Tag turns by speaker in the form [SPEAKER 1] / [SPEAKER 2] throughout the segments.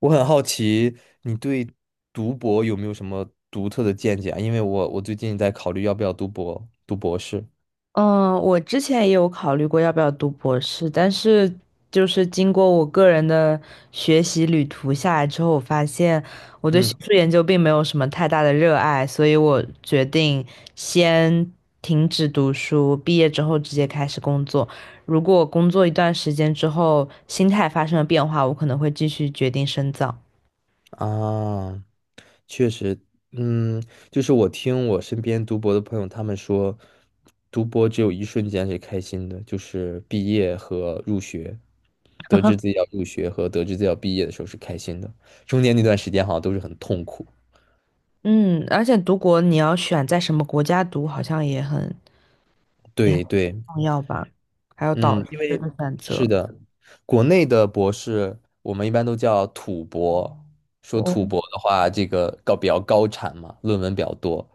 [SPEAKER 1] 我很好奇，你对读博有没有什么独特的见解啊？因为我最近在考虑要不要读博，读博士。
[SPEAKER 2] 嗯，我之前也有考虑过要不要读博士，但是就是经过我个人的学习旅途下来之后，我发现我对学
[SPEAKER 1] 嗯
[SPEAKER 2] 术研究并没有什么太大的热爱，所以我决定先停止读书，毕业之后直接开始工作。如果工作一段时间之后，心态发生了变化，我可能会继续决定深造。
[SPEAKER 1] 啊，确实。嗯，就是我听我身边读博的朋友他们说，读博只有一瞬间是开心的，就是毕业和入学，得知自己要入学和得知自己要毕业的时候是开心的，中间那段时间好像都是很痛苦。
[SPEAKER 2] 嗯，而且读博你要选在什么国家读，好像也很也很
[SPEAKER 1] 对对，
[SPEAKER 2] 重要吧，还有导
[SPEAKER 1] 嗯，
[SPEAKER 2] 师
[SPEAKER 1] 因为
[SPEAKER 2] 的选
[SPEAKER 1] 是
[SPEAKER 2] 择。
[SPEAKER 1] 的，国内的博士我们一般都叫土博，说
[SPEAKER 2] 哦，
[SPEAKER 1] 土博的话，这个比较高产嘛，论文比较多，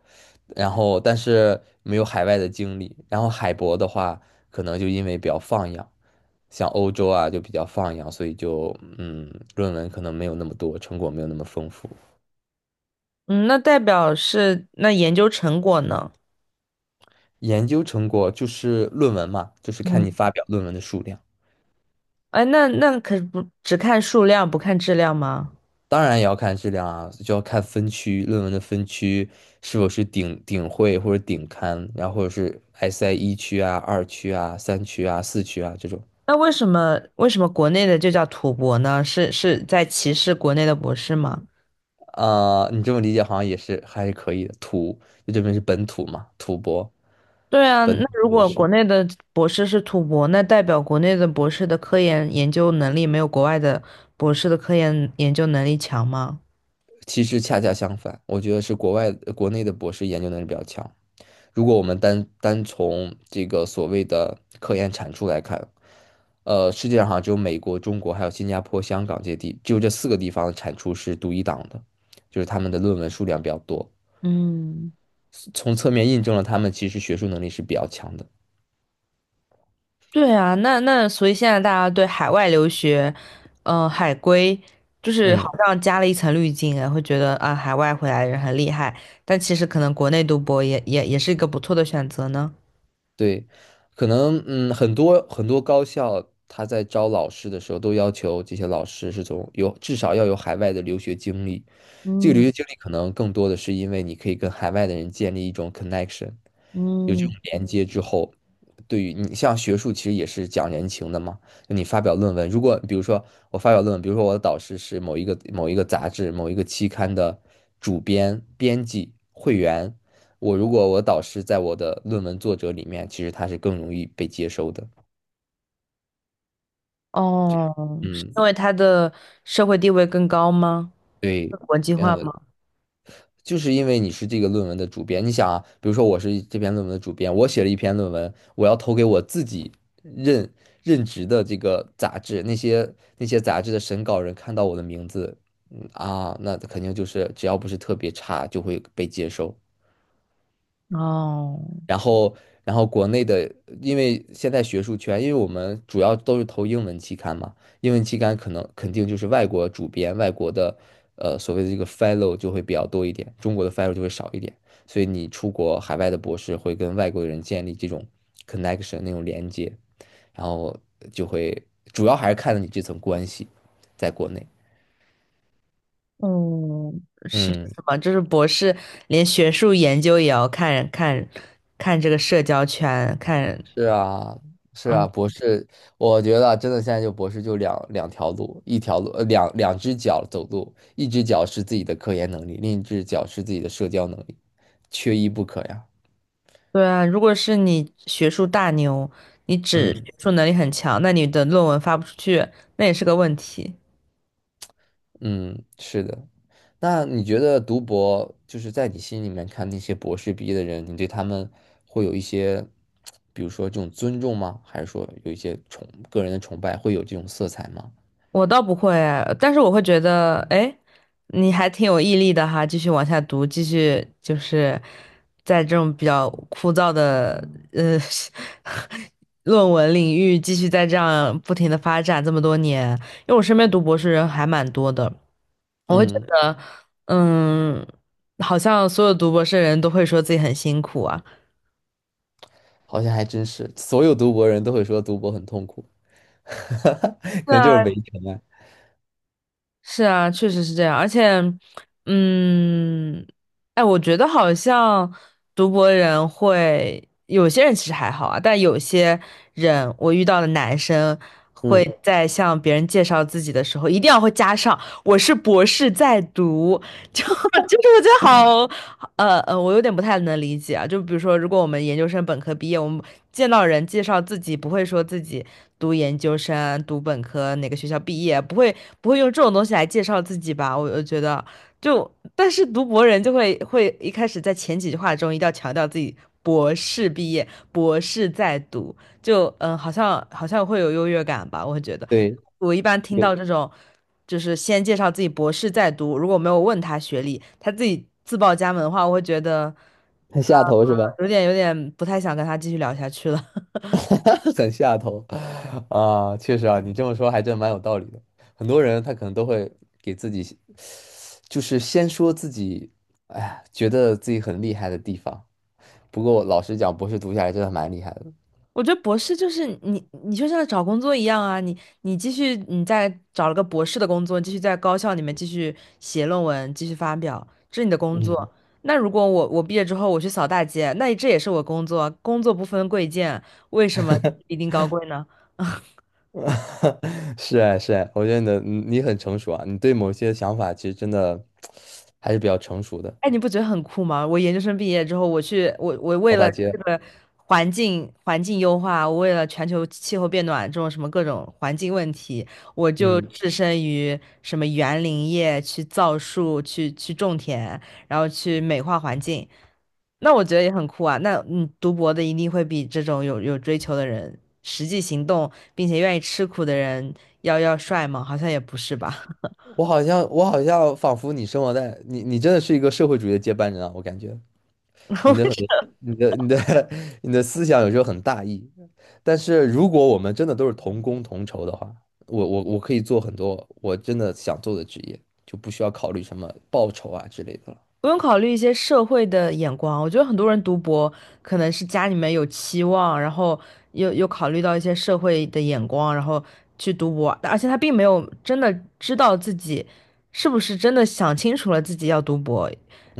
[SPEAKER 1] 然后但是没有海外的经历。然后海博的话，可能就因为比较放养，像欧洲啊就比较放养，所以就嗯，论文可能没有那么多，成果没有那么丰富。
[SPEAKER 2] 嗯，那代表是那研究成果呢？
[SPEAKER 1] 研究成果就是论文嘛，就是看你
[SPEAKER 2] 嗯，
[SPEAKER 1] 发表论文的数量。
[SPEAKER 2] 哎，那可不只看数量不看质量吗？
[SPEAKER 1] 当然也要看质量啊，就要看分区，论文的分区是否是顶会或者顶刊，然后或者是 SI 一区啊、二区啊、三区啊、四区啊这种。
[SPEAKER 2] 那为什么国内的就叫土博呢？是在歧视国内的博士吗？
[SPEAKER 1] 啊、你这么理解好像也是还是可以的。土就这边是本土嘛，土博
[SPEAKER 2] 对啊，
[SPEAKER 1] 本
[SPEAKER 2] 那
[SPEAKER 1] 土
[SPEAKER 2] 如
[SPEAKER 1] 博
[SPEAKER 2] 果
[SPEAKER 1] 士。
[SPEAKER 2] 国内的博士是土博，那代表国内的博士的科研研究能力没有国外的博士的科研研究能力强吗？
[SPEAKER 1] 其实恰恰相反，我觉得是国内的博士研究能力比较强。如果我们单单从这个所谓的科研产出来看，世界上好像只有美国、中国还有新加坡、香港这些地，只有这四个地方的产出是独一档的，就是他们的论文数量比较多，
[SPEAKER 2] 嗯。
[SPEAKER 1] 从侧面印证了他们其实学术能力是比较强的。
[SPEAKER 2] 对啊，那所以现在大家对海外留学，嗯，海归就是好
[SPEAKER 1] 嗯，
[SPEAKER 2] 像加了一层滤镜哎，会觉得啊，海外回来的人很厉害，但其实可能国内读博也是一个不错的选择呢。
[SPEAKER 1] 对，可能很多高校他在招老师的时候都要求这些老师是从有至少要有海外的留学经历，这个留
[SPEAKER 2] 嗯
[SPEAKER 1] 学经历可能更多的是因为你可以跟海外的人建立一种 connection。有这种
[SPEAKER 2] 嗯，
[SPEAKER 1] 连接之后，对于你像学术其实也是讲人情的嘛。就你发表论文，如果比如说我发表论文，比如说我的导师是某一个杂志、某一个期刊的主编、编辑、会员，我如果我导师在我的论文作者里面，其实他是更容易被接收的。
[SPEAKER 2] 哦，是
[SPEAKER 1] 嗯，
[SPEAKER 2] 因为他的社会地位更高吗？
[SPEAKER 1] 对，
[SPEAKER 2] 更国际化吗？
[SPEAKER 1] 就是因为你是这个论文的主编，你想啊，比如说我是这篇论文的主编，我写了一篇论文，我要投给我自己任任职的这个杂志，那些杂志的审稿人看到我的名字。那肯定就是只要不是特别差，就会被接收。
[SPEAKER 2] 哦，
[SPEAKER 1] 然后，然后国内的，因为现在学术圈，因为我们主要都是投英文期刊嘛，英文期刊可能肯定就是外国主编、外国的，所谓的这个 fellow 就会比较多一点，中国的 fellow 就会少一点，所以你出国海外的博士会跟外国的人建立这种 connection 那种连接，然后就会主要还是看你这层关系，在国内，
[SPEAKER 2] 嗯，是
[SPEAKER 1] 嗯。
[SPEAKER 2] 什么？就是博士连学术研究也要看看这个社交圈，看。
[SPEAKER 1] 是啊，是啊，
[SPEAKER 2] 嗯。
[SPEAKER 1] 博士，我觉得真的现在就博士就两条路，一条路两只脚走路，一只脚是自己的科研能力，另一只脚是自己的社交能力，缺一不可呀。
[SPEAKER 2] 对啊，如果是你学术大牛，你只
[SPEAKER 1] 嗯
[SPEAKER 2] 学术能力很强，那你的论文发不出去，那也是个问题。
[SPEAKER 1] 嗯，是的。那你觉得读博就是在你心里面看那些博士毕业的人，你对他们会有一些，比如说这种尊重吗？还是说有一些个人的崇拜，会有这种色彩吗？
[SPEAKER 2] 我倒不会，但是我会觉得，哎，你还挺有毅力的哈，继续往下读，继续就是在这种比较枯燥的呃 论文领域继续在这样不停的发展这么多年，因为我身边读博士人还蛮多的，我会觉
[SPEAKER 1] 嗯，
[SPEAKER 2] 得，嗯，好像所有读博士的人都会说自己很辛苦啊。
[SPEAKER 1] 好像还真是，所有读博人都会说读博很痛苦。
[SPEAKER 2] 是
[SPEAKER 1] 可能就
[SPEAKER 2] 啊，
[SPEAKER 1] 是围城啊。
[SPEAKER 2] 是啊，确实是这样。而且，嗯，哎，我觉得好像读博人会，有些人其实还好啊，但有些人我遇到的男生
[SPEAKER 1] 嗯，
[SPEAKER 2] 会在向别人介绍自己的时候，一定要会加上"我是博士在读"，就 就是我觉得好，我有点不太能理解啊。就比如说，如果我们研究生本科毕业，我们见到人介绍自己，不会说自己读研究生、读本科哪个学校毕业，不会用这种东西来介绍自己吧？我觉得就，但是读博人就会一开始在前几句话中一定要强调自己博士毕业、博士在读，就嗯、呃好像会有优越感吧？我觉得。
[SPEAKER 1] 对，
[SPEAKER 2] 我一般听
[SPEAKER 1] 有
[SPEAKER 2] 到这种，就是先介绍自己博士在读，如果没有问他学历，他自己自报家门的话，我会觉得
[SPEAKER 1] 很
[SPEAKER 2] 呃，
[SPEAKER 1] 下头是吧？
[SPEAKER 2] 有点不太想跟他继续聊下去了。
[SPEAKER 1] 很下头啊，确实啊，你这么说还真蛮有道理的。很多人他可能都会给自己，就是先说自己，哎呀，觉得自己很厉害的地方。不过老实讲，博士读下来真的蛮厉害的。
[SPEAKER 2] 我觉得博士就是你，你就像找工作一样啊，你继续你再找了个博士的工作，继续在高校里面继续写论文，继续发表，这是你的工
[SPEAKER 1] 嗯，
[SPEAKER 2] 作。那如果我毕业之后我去扫大街，那这也是我工作，工作不分贵贱，为什么一定高贵呢？
[SPEAKER 1] 是啊，是啊，我觉得你的嗯你很成熟啊，你对某些想法其实真的 还是比较成熟的。
[SPEAKER 2] 哎，你不觉得很酷吗？我研究生毕业之后，我去，我
[SPEAKER 1] 扫
[SPEAKER 2] 为了
[SPEAKER 1] 大
[SPEAKER 2] 这
[SPEAKER 1] 街，
[SPEAKER 2] 个环境优化，我为了全球气候变暖这种什么各种环境问题，我就
[SPEAKER 1] 嗯。
[SPEAKER 2] 置身于什么园林业，去造树，去种田，然后去美化环境。那我觉得也很酷啊。那你读博的一定会比这种有追求的人，实际行动并且愿意吃苦的人要帅吗？好像也不是吧。
[SPEAKER 1] 我好像，我好像仿佛你生活在你，你真的是一个社会主义的接班人啊！我感觉你的很 多你的 你的思想有时候很大义，但是如果我们真的都是同工同酬的话，我可以做很多我真的想做的职业，就不需要考虑什么报酬啊之类的了。
[SPEAKER 2] 不用考虑一些社会的眼光，我觉得很多人读博可能是家里面有期望，然后又考虑到一些社会的眼光，然后去读博，而且他并没有真的知道自己是不是真的想清楚了自己要读博，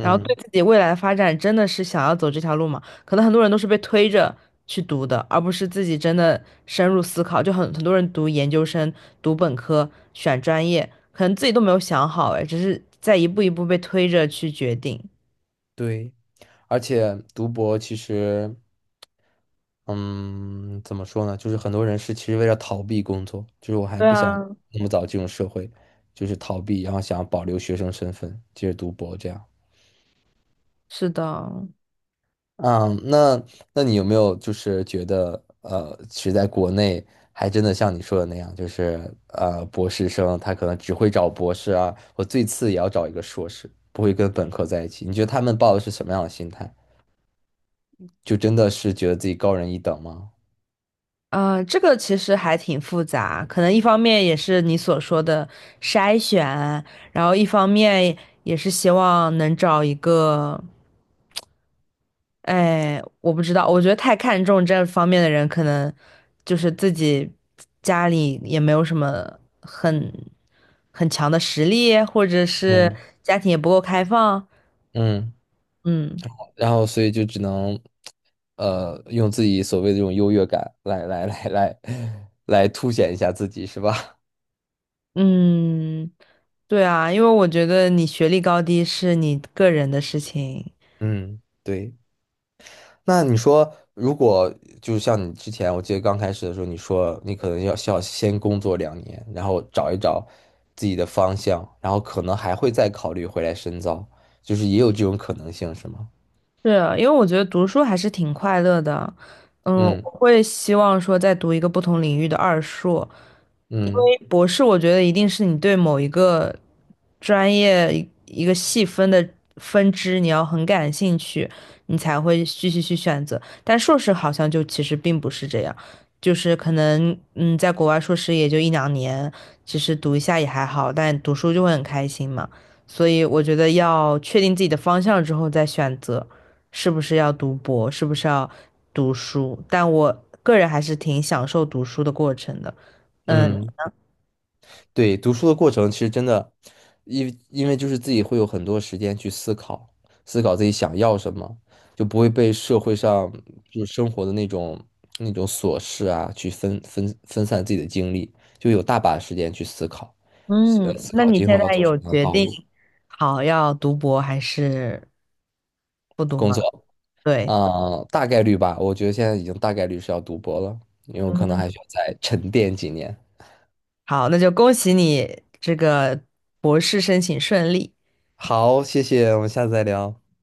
[SPEAKER 2] 然后对自己未来的发展真的是想要走这条路吗？可能很多人都是被推着去读的，而不是自己真的深入思考。就很多人读研究生、读本科、选专业，可能自己都没有想好，哎，只是在一步一步被推着去决定。
[SPEAKER 1] 对，而且读博其实。嗯，怎么说呢？就是很多人是其实为了逃避工作，就是我还
[SPEAKER 2] 对
[SPEAKER 1] 不
[SPEAKER 2] 啊，
[SPEAKER 1] 想那么早进入社会，就是逃避，然后想要保留学生身份，接着读博这样。
[SPEAKER 2] 是的，
[SPEAKER 1] 嗯，那你有没有就是觉得其实在国内还真的像你说的那样，就是博士生他可能只会找博士啊，我最次也要找一个硕士，不会跟本科在一起。你觉得他们抱的是什么样的心态？就真的是觉得自己高人一等吗？
[SPEAKER 2] 呃，这个其实还挺复杂，可能一方面也是你所说的筛选，然后一方面也是希望能找一个。哎，我不知道，我觉得太看重这方面的人，可能就是自己家里也没有什么很强的实力，或者是
[SPEAKER 1] 嗯。
[SPEAKER 2] 家庭也不够开放。
[SPEAKER 1] 嗯。
[SPEAKER 2] 嗯
[SPEAKER 1] 然后所以就只能，用自己所谓的这种优越感来凸显一下自己，是吧？
[SPEAKER 2] 嗯，对啊，因为我觉得你学历高低是你个人的事情。
[SPEAKER 1] 嗯，对。那你说，如果就是像你之前，我记得刚开始的时候，你说你可能要需要先工作2年，然后找一找自己的方向，然后可能还会再考虑回来深造，就是也有这种可能性，是吗？
[SPEAKER 2] 是啊，因为我觉得读书还是挺快乐的。嗯，我
[SPEAKER 1] 嗯
[SPEAKER 2] 会希望说在读一个不同领域的二硕，
[SPEAKER 1] 嗯
[SPEAKER 2] 博士，我觉得一定是你对某一个专业一个细分的分支，你要很感兴趣，你才会继续去选择。但硕士好像就其实并不是这样，就是可能嗯，在国外硕士也就一两年，其实读一下也还好，但读书就会很开心嘛。所以我觉得要确定自己的方向之后再选择，是不是要读博，是不是要读书。但我个人还是挺享受读书的过程的。嗯，
[SPEAKER 1] 嗯。对，读书的过程其实真的，因为就是自己会有很多时间去思考，思考自己想要什么，就不会被社会上就是生活的那种琐事啊去分散自己的精力，就有大把时间去思考，
[SPEAKER 2] 嗯，
[SPEAKER 1] 思
[SPEAKER 2] 那
[SPEAKER 1] 考
[SPEAKER 2] 你
[SPEAKER 1] 今
[SPEAKER 2] 现
[SPEAKER 1] 后要
[SPEAKER 2] 在
[SPEAKER 1] 走什
[SPEAKER 2] 有
[SPEAKER 1] 么样的
[SPEAKER 2] 决
[SPEAKER 1] 道
[SPEAKER 2] 定
[SPEAKER 1] 路，
[SPEAKER 2] 好要读博还是不读
[SPEAKER 1] 工作
[SPEAKER 2] 吗？
[SPEAKER 1] 啊，
[SPEAKER 2] 对，
[SPEAKER 1] 大概率吧，我觉得现在已经大概率是要读博了，因为我可能
[SPEAKER 2] 嗯，
[SPEAKER 1] 还需要再沉淀几年。
[SPEAKER 2] 好，那就恭喜你这个博士申请顺利。
[SPEAKER 1] 好，谢谢，我们下次再聊。